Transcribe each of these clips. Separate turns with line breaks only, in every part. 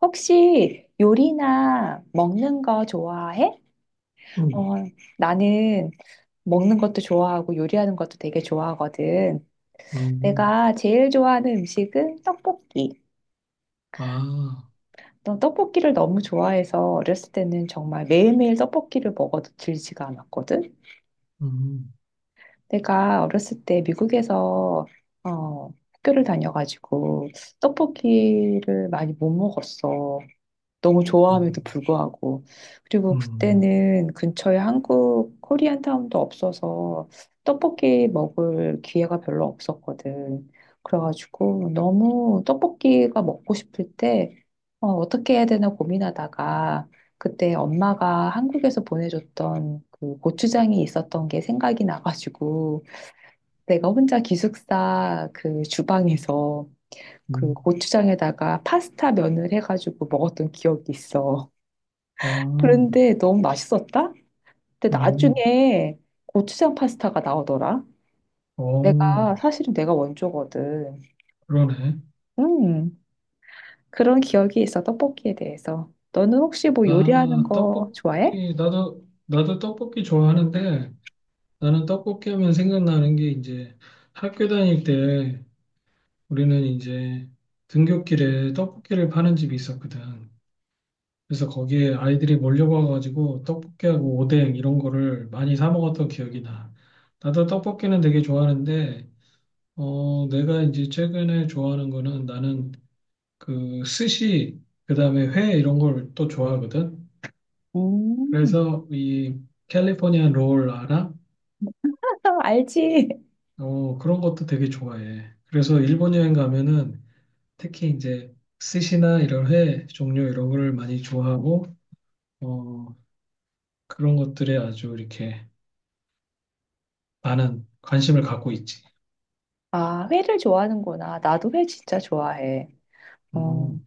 혹시 요리나 먹는 거 좋아해?
음,
어, 나는 먹는 것도 좋아하고 요리하는 것도 되게 좋아하거든.
음,
내가 제일 좋아하는 음식은 떡볶이.
아,
난 떡볶이를 너무 좋아해서 어렸을 때는 정말 매일매일 떡볶이를 먹어도 질지가 않았거든.
음,
내가 어렸을 때 미국에서 어, 학교를 다녀가지고 떡볶이를 많이 못 먹었어. 너무
아,
좋아함에도 불구하고. 그리고
음,
그때는 근처에 한국 코리안타운도 없어서 떡볶이 먹을 기회가 별로 없었거든. 그래가지고 너무 떡볶이가 먹고 싶을 때 어떻게 해야 되나 고민하다가 그때 엄마가 한국에서 보내줬던 그 고추장이 있었던 게 생각이 나가지고 내가 혼자 기숙사 그 주방에서 그
음,
고추장에다가 파스타 면을 해가지고 먹었던 기억이 있어.
아,
그런데 너무 맛있었다? 근데
음,
나중에 고추장 파스타가 나오더라.
어,
사실은 내가 원조거든.
그러네.
음, 그런 기억이 있어, 떡볶이에 대해서. 너는 혹시 뭐 요리하는
아,
거 좋아해?
떡볶이, 나도 떡볶이 좋아하는데, 나는 떡볶이 하면 생각나는 게 이제 학교 다닐 때 우리는 이제 등굣길에 떡볶이를 파는 집이 있었거든. 그래서 거기에 아이들이 몰려와가지고 떡볶이하고 오뎅 이런 거를 많이 사 먹었던 기억이 나. 나도 떡볶이는 되게 좋아하는데, 어, 내가 이제 최근에 좋아하는 거는 나는 그 스시, 그다음에 회 이런 걸 또 좋아하거든.
음.
그래서 이 캘리포니아 롤 알아?
알지?
어, 그런 것도 되게 좋아해. 그래서 일본 여행 가면은 특히 이제 스시나 이런 회 종류 이런 걸 많이 좋아하고 어, 그런 것들에 아주 이렇게 많은 관심을 갖고 있지.
아, 회를 좋아하는구나. 나도 회 진짜 좋아해. 어,
음,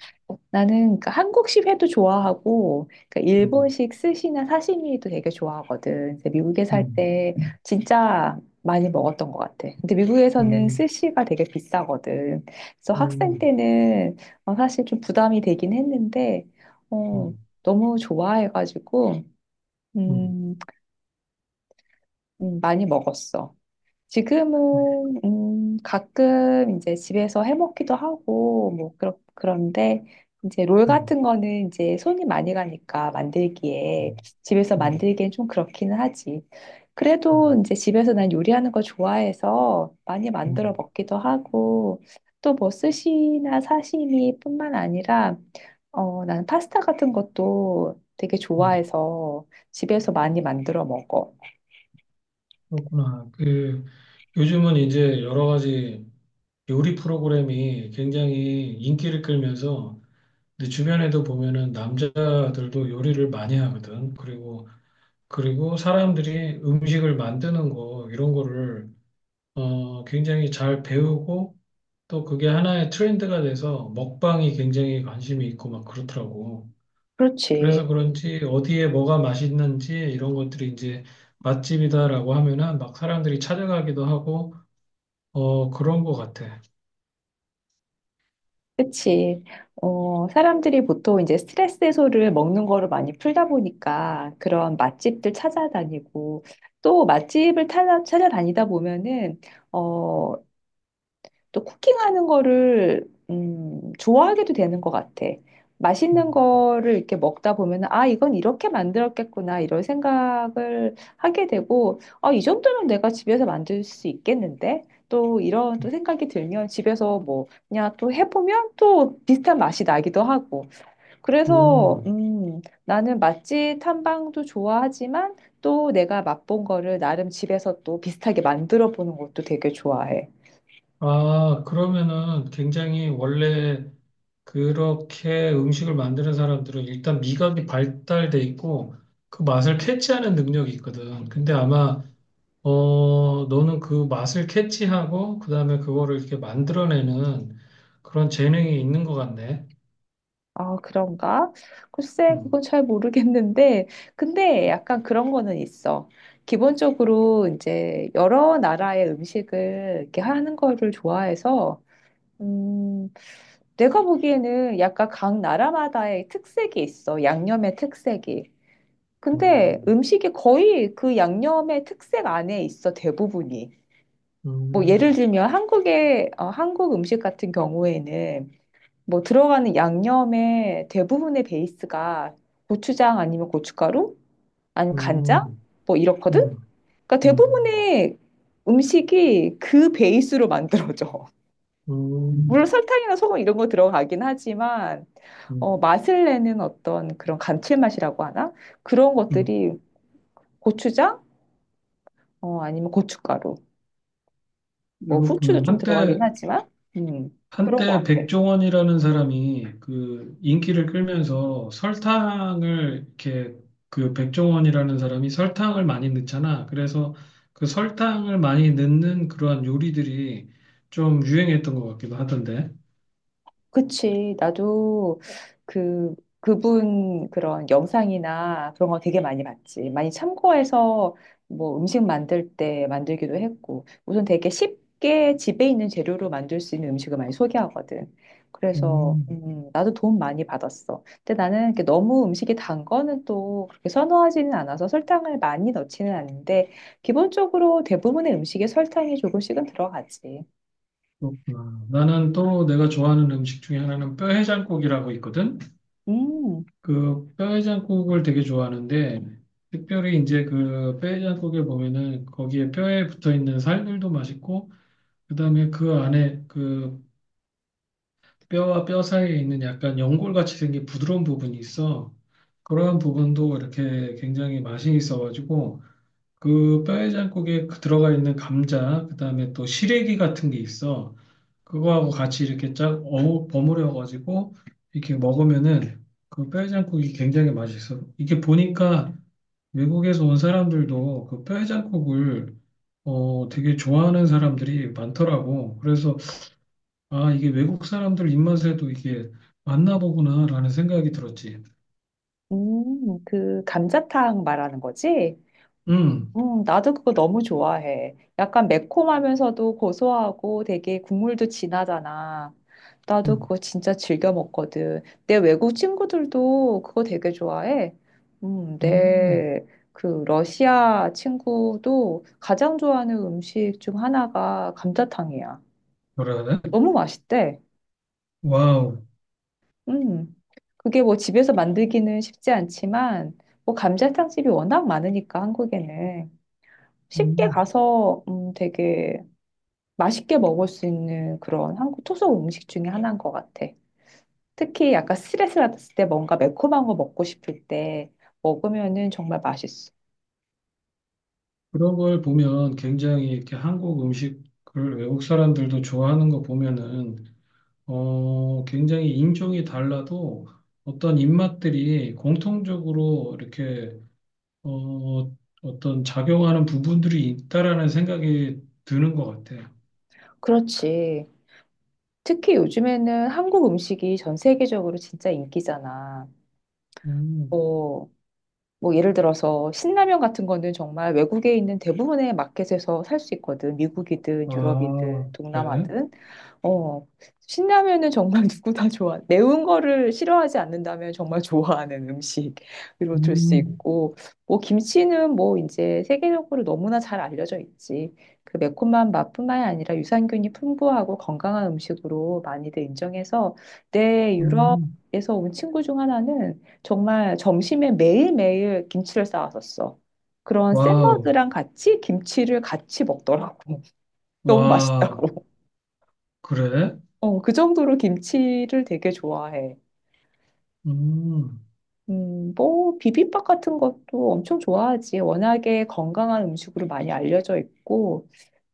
나는 그 한국식 회도 좋아하고 그
음,
일본식 스시나 사시미도 되게 좋아하거든. 근데 미국에 살
음,
때 진짜 많이 먹었던 것 같아. 근데 미국에서는
음,
스시가 되게 비싸거든. 그래서 학생
음,
때는 사실 좀 부담이 되긴 했는데 어,
음,
너무 좋아해가지고
음,
음, 많이 먹었어.
음,
지금은 가끔 이제 집에서 해 먹기도 하고 뭐 그렇 그런데 이제 롤
음, 음,
같은 거는 이제 손이 많이 가니까 만들기에 집에서
음, 음.
만들기엔 좀 그렇기는 하지. 그래도
음,
이제 집에서 난 요리하는 거 좋아해서 많이 만들어
음.
먹기도 하고 또 뭐 스시나 사시미뿐만 아니라 난 파스타 같은 것도 되게
음,
좋아해서 집에서 많이 만들어 먹어.
그렇구나. 그, 요즘은 이제 여러 가지 요리 프로그램이 굉장히 인기를 끌면서 내 주변에도 보면은 남자들도 요리를 많이 하거든. 그리고, 그리고 사람들이 음식을 만드는 거, 이런 거를, 어, 굉장히 잘 배우고 또 그게 하나의 트렌드가 돼서 먹방이 굉장히 관심이 있고 막 그렇더라고.
그렇지.
그래서 그런지 어디에 뭐가 맛있는지 이런 것들이 이제 맛집이다라고 하면은 막 사람들이 찾아가기도 하고 어 그런 것 같아.
그치. 사람들이 보통 이제 스트레스 해소를 먹는 거를 많이 풀다 보니까 그런 맛집들 찾아다니고 또 맛집을 찾아다니다 보면은, 어, 또 쿠킹하는 거를 좋아하게도 되는 것 같아. 맛있는
음.
거를 이렇게 먹다 보면 아 이건 이렇게 만들었겠구나 이런 생각을 하게 되고 아 이 정도면 내가 집에서 만들 수 있겠는데 또 이런 또 생각이 들면 집에서 뭐 그냥 또 해보면 또 비슷한 맛이 나기도 하고 그래서
음.
나는 맛집 탐방도 좋아하지만 또 내가 맛본 거를 나름 집에서 또 비슷하게 만들어 보는 것도 되게 좋아해.
아, 그러면은 굉장히 원래 그렇게 음식을 만드는 사람들은 일단 미각이 발달돼 있고 그 맛을 캐치하는 능력이 있거든. 근데 아마 어 너는 그 맛을 캐치하고 그다음에 그거를 이렇게 만들어내는 그런 재능이 있는 것 같네.
아, 그런가? 글쎄, 그건
음.
잘 모르겠는데, 근데 약간 그런 거는 있어. 기본적으로 이제 여러 나라의 음식을 이렇게 하는 거를 좋아해서, 음, 내가 보기에는 약간 각 나라마다의 특색이 있어. 양념의 특색이. 근데
음.
음식이 거의 그 양념의 특색 안에 있어, 대부분이. 뭐 예를
음,
들면 한국 음식 같은 경우에는 뭐 들어가는 양념의 대부분의 베이스가 고추장 아니면 고춧가루 아니면 간장
음,
뭐
음,
이렇거든. 그러니까
음,
대부분의 음식이 그 베이스로 만들어져.
음,
물론 설탕이나 소금 이런 거 들어가긴 하지만
음,
맛을 내는 어떤 그런 감칠맛이라고 하나? 그런
음.
것들이 고추장 아니면 고춧가루 뭐 후추도
이렇구나.
좀 들어가긴
한때,
하지만 음, 그런 것
한때
같아.
백종원이라는 사람이 그 인기를 끌면서 설탕을 이렇게 그 백종원이라는 사람이 설탕을 많이 넣잖아. 그래서 그 설탕을 많이 넣는 그러한 요리들이 좀 유행했던 것 같기도 하던데.
그치. 나도 그, 그분 그런 영상이나 그런 거 되게 많이 봤지. 많이 참고해서 뭐 음식 만들 때 만들기도 했고. 우선 되게 쉽게 집에 있는 재료로 만들 수 있는 음식을 많이 소개하거든. 그래서,
음,
나도 도움 많이 받았어. 근데 나는 이렇게 너무 음식이 단 거는 또 그렇게 선호하지는 않아서 설탕을 많이 넣지는 않는데, 기본적으로 대부분의 음식에 설탕이 조금씩은 들어가지.
그렇구나. 나는 또 내가 좋아하는 음식 중에 하나는 뼈해장국이라고 있거든.
음.
그 뼈해장국을 되게 좋아하는데 특별히 이제 그 뼈해장국에 보면은 거기에 뼈에 붙어 있는 살들도 맛있고 그다음에 그 안에 그 뼈와 뼈 사이에 있는 약간 연골같이 생긴 부드러운 부분이 있어. 그런 부분도 이렇게 굉장히 맛이 있어가지고 그 뼈해장국에 그 들어가 있는 감자, 그다음에 또 시래기 같은 게 있어. 그거하고 같이 이렇게 쫙 어우 버무려 가지고 이렇게 먹으면은 그 뼈해장국이 굉장히 맛있어. 이게 보니까 외국에서 온 사람들도 그 뼈해장국을 어 되게 좋아하는 사람들이 많더라고. 그래서 아 이게 외국 사람들 입맛에도 이게 맞나 보구나라는 생각이 들었지.
그 감자탕 말하는 거지?
음,
나도 그거 너무 좋아해. 약간 매콤하면서도 고소하고 되게 국물도 진하잖아. 나도
음,
그거 진짜 즐겨 먹거든. 내 외국 친구들도 그거 되게 좋아해.
음,
내 그 러시아 친구도 가장 좋아하는 음식 중 하나가 감자탕이야.
뭐라 해야 돼?
너무 맛있대.
와우.
음, 그게 뭐 집에서 만들기는 쉽지 않지만, 뭐 감자탕집이 워낙 많으니까 한국에는 쉽게
음.
가서 되게 맛있게 먹을 수 있는 그런 한국 토속 음식 중에 하나인 것 같아. 특히 약간 스트레스 받았을 때 뭔가 매콤한 거 먹고 싶을 때 먹으면은 정말 맛있어.
그런 걸 보면 굉장히 이렇게 한국 음식을 외국 사람들도 좋아하는 거 보면은 어 굉장히 인종이 달라도 어떤 입맛들이 공통적으로 이렇게 어 어떤 작용하는 부분들이 있다라는 생각이 드는 것 같아요.
그렇지. 특히 요즘에는 한국 음식이 전 세계적으로 진짜 인기잖아.
음,
뭐 뭐 예를 들어서 신라면 같은 거는 정말 외국에 있는 대부분의 마켓에서 살 수 있거든. 미국이든 유럽이든
아, 그래?
동남아든. 어, 신라면은 정말 누구 다 좋아. 매운 거를 싫어하지 않는다면 정말 좋아하는 음식으로 줄 수
음,
있고, 뭐 김치는 뭐 이제 세계적으로 너무나 잘 알려져 있지. 그 매콤한 맛뿐만이 아니라 유산균이 풍부하고 건강한 음식으로 많이들 인정해서 내
음,
유럽에서 온 친구 중 하나는 정말 점심에 매일매일 김치를 싸왔었어. 그런
와우,
샐러드랑 같이 김치를 같이 먹더라고. 너무
와,
맛있다고.
그래?
어, 그 정도로 김치를 되게 좋아해.
음,
뭐, 비빔밥 같은 것도 엄청 좋아하지. 워낙에 건강한 음식으로 많이 알려져 있고,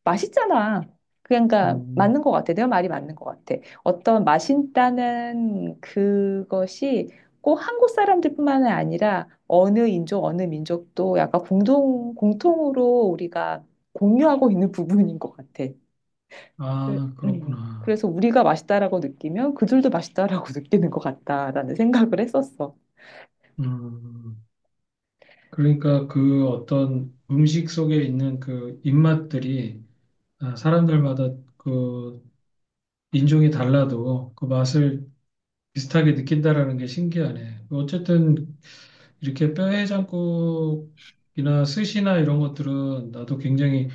맛있잖아. 그러니까, 맞는
음.
것 같아. 내가 말이 맞는 것 같아. 어떤 맛있다는 그것이 꼭 한국 사람들뿐만 아니라 어느 인종, 어느 민족도 약간 공통으로 우리가 공유하고 있는 부분인 것 같아. 그-
아, 그렇구나.
그래서 우리가 맛있다라고 느끼면 그들도 맛있다라고 느끼는 것 같다라는 생각을 했었어.
음. 그러니까 그 어떤 음식 속에 있는 그 입맛들이 아, 사람들마다 그 인종이 달라도 그 맛을 비슷하게 느낀다라는 게 신기하네. 어쨌든 이렇게 뼈해장국이나 스시나 이런 것들은 나도 굉장히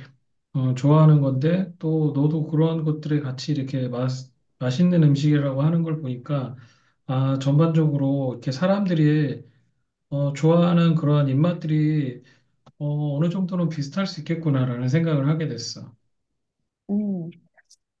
어, 좋아하는 건데 또 너도 그러한 것들에 같이 이렇게 맛있는 음식이라고 하는 걸 보니까 아, 전반적으로 이렇게 사람들이 어, 좋아하는 그러한 입맛들이 어, 어느 정도는 비슷할 수 있겠구나라는 생각을 하게 됐어.
음,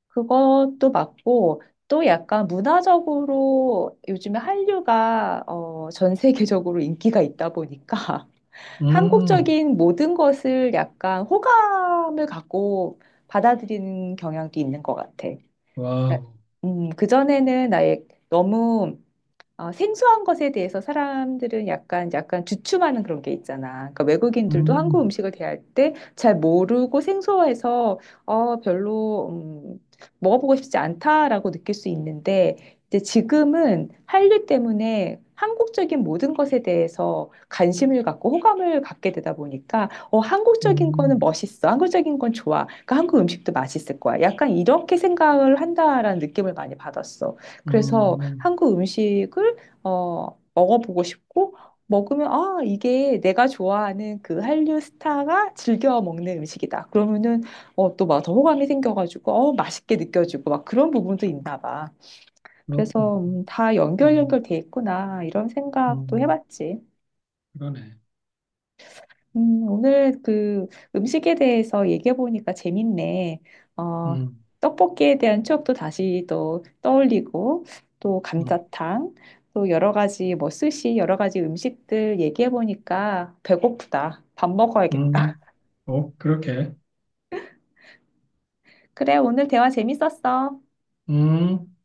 그것도 맞고, 또 약간 문화적으로 요즘에 한류가 전 세계적으로 인기가 있다 보니까
음,
한국적인 모든 것을 약간 호감을 갖고 받아들이는 경향도 있는 것 같아.
와우.
그전에는 나의 너무 생소한 것에 대해서 사람들은 약간 주춤하는 그런 게 있잖아. 그러니까 외국인들도 한국
음,
음식을 대할 때 잘 모르고 생소해서, 어, 별로, 음, 먹어보고 싶지 않다라고 느낄 수 있는데, 이제 지금은 한류 때문에 한국적인 모든 것에 대해서 관심을 갖고 호감을 갖게 되다 보니까, 어, 한국적인 거는
음,
멋있어. 한국적인 건 좋아. 그러니까 한국 음식도 맛있을 거야. 약간 이렇게 생각을 한다라는 느낌을 많이 받았어. 그래서
음,
한국 음식을 먹어보고 싶고, 먹으면, 아, 이게 내가 좋아하는 그 한류 스타가 즐겨 먹는 음식이다. 그러면은, 또 막 더 호감이 생겨가지고, 맛있게 느껴지고, 막 그런 부분도 있나 봐.
그렇구나.
그래서, 다
음,
연결돼 있구나. 이런 생각도
음,
해봤지.
그러네.
오늘 그 음식에 대해서 얘기해 보니까 재밌네. 어,
음,
떡볶이에 대한 추억도 다시 또 떠올리고, 또
음,
감자탕, 또 여러 가지 뭐 스시, 여러 가지 음식들 얘기해 보니까 배고프다. 밥
음.
먹어야겠다.
어, 그렇게.
그래, 오늘 대화 재밌었어.
음.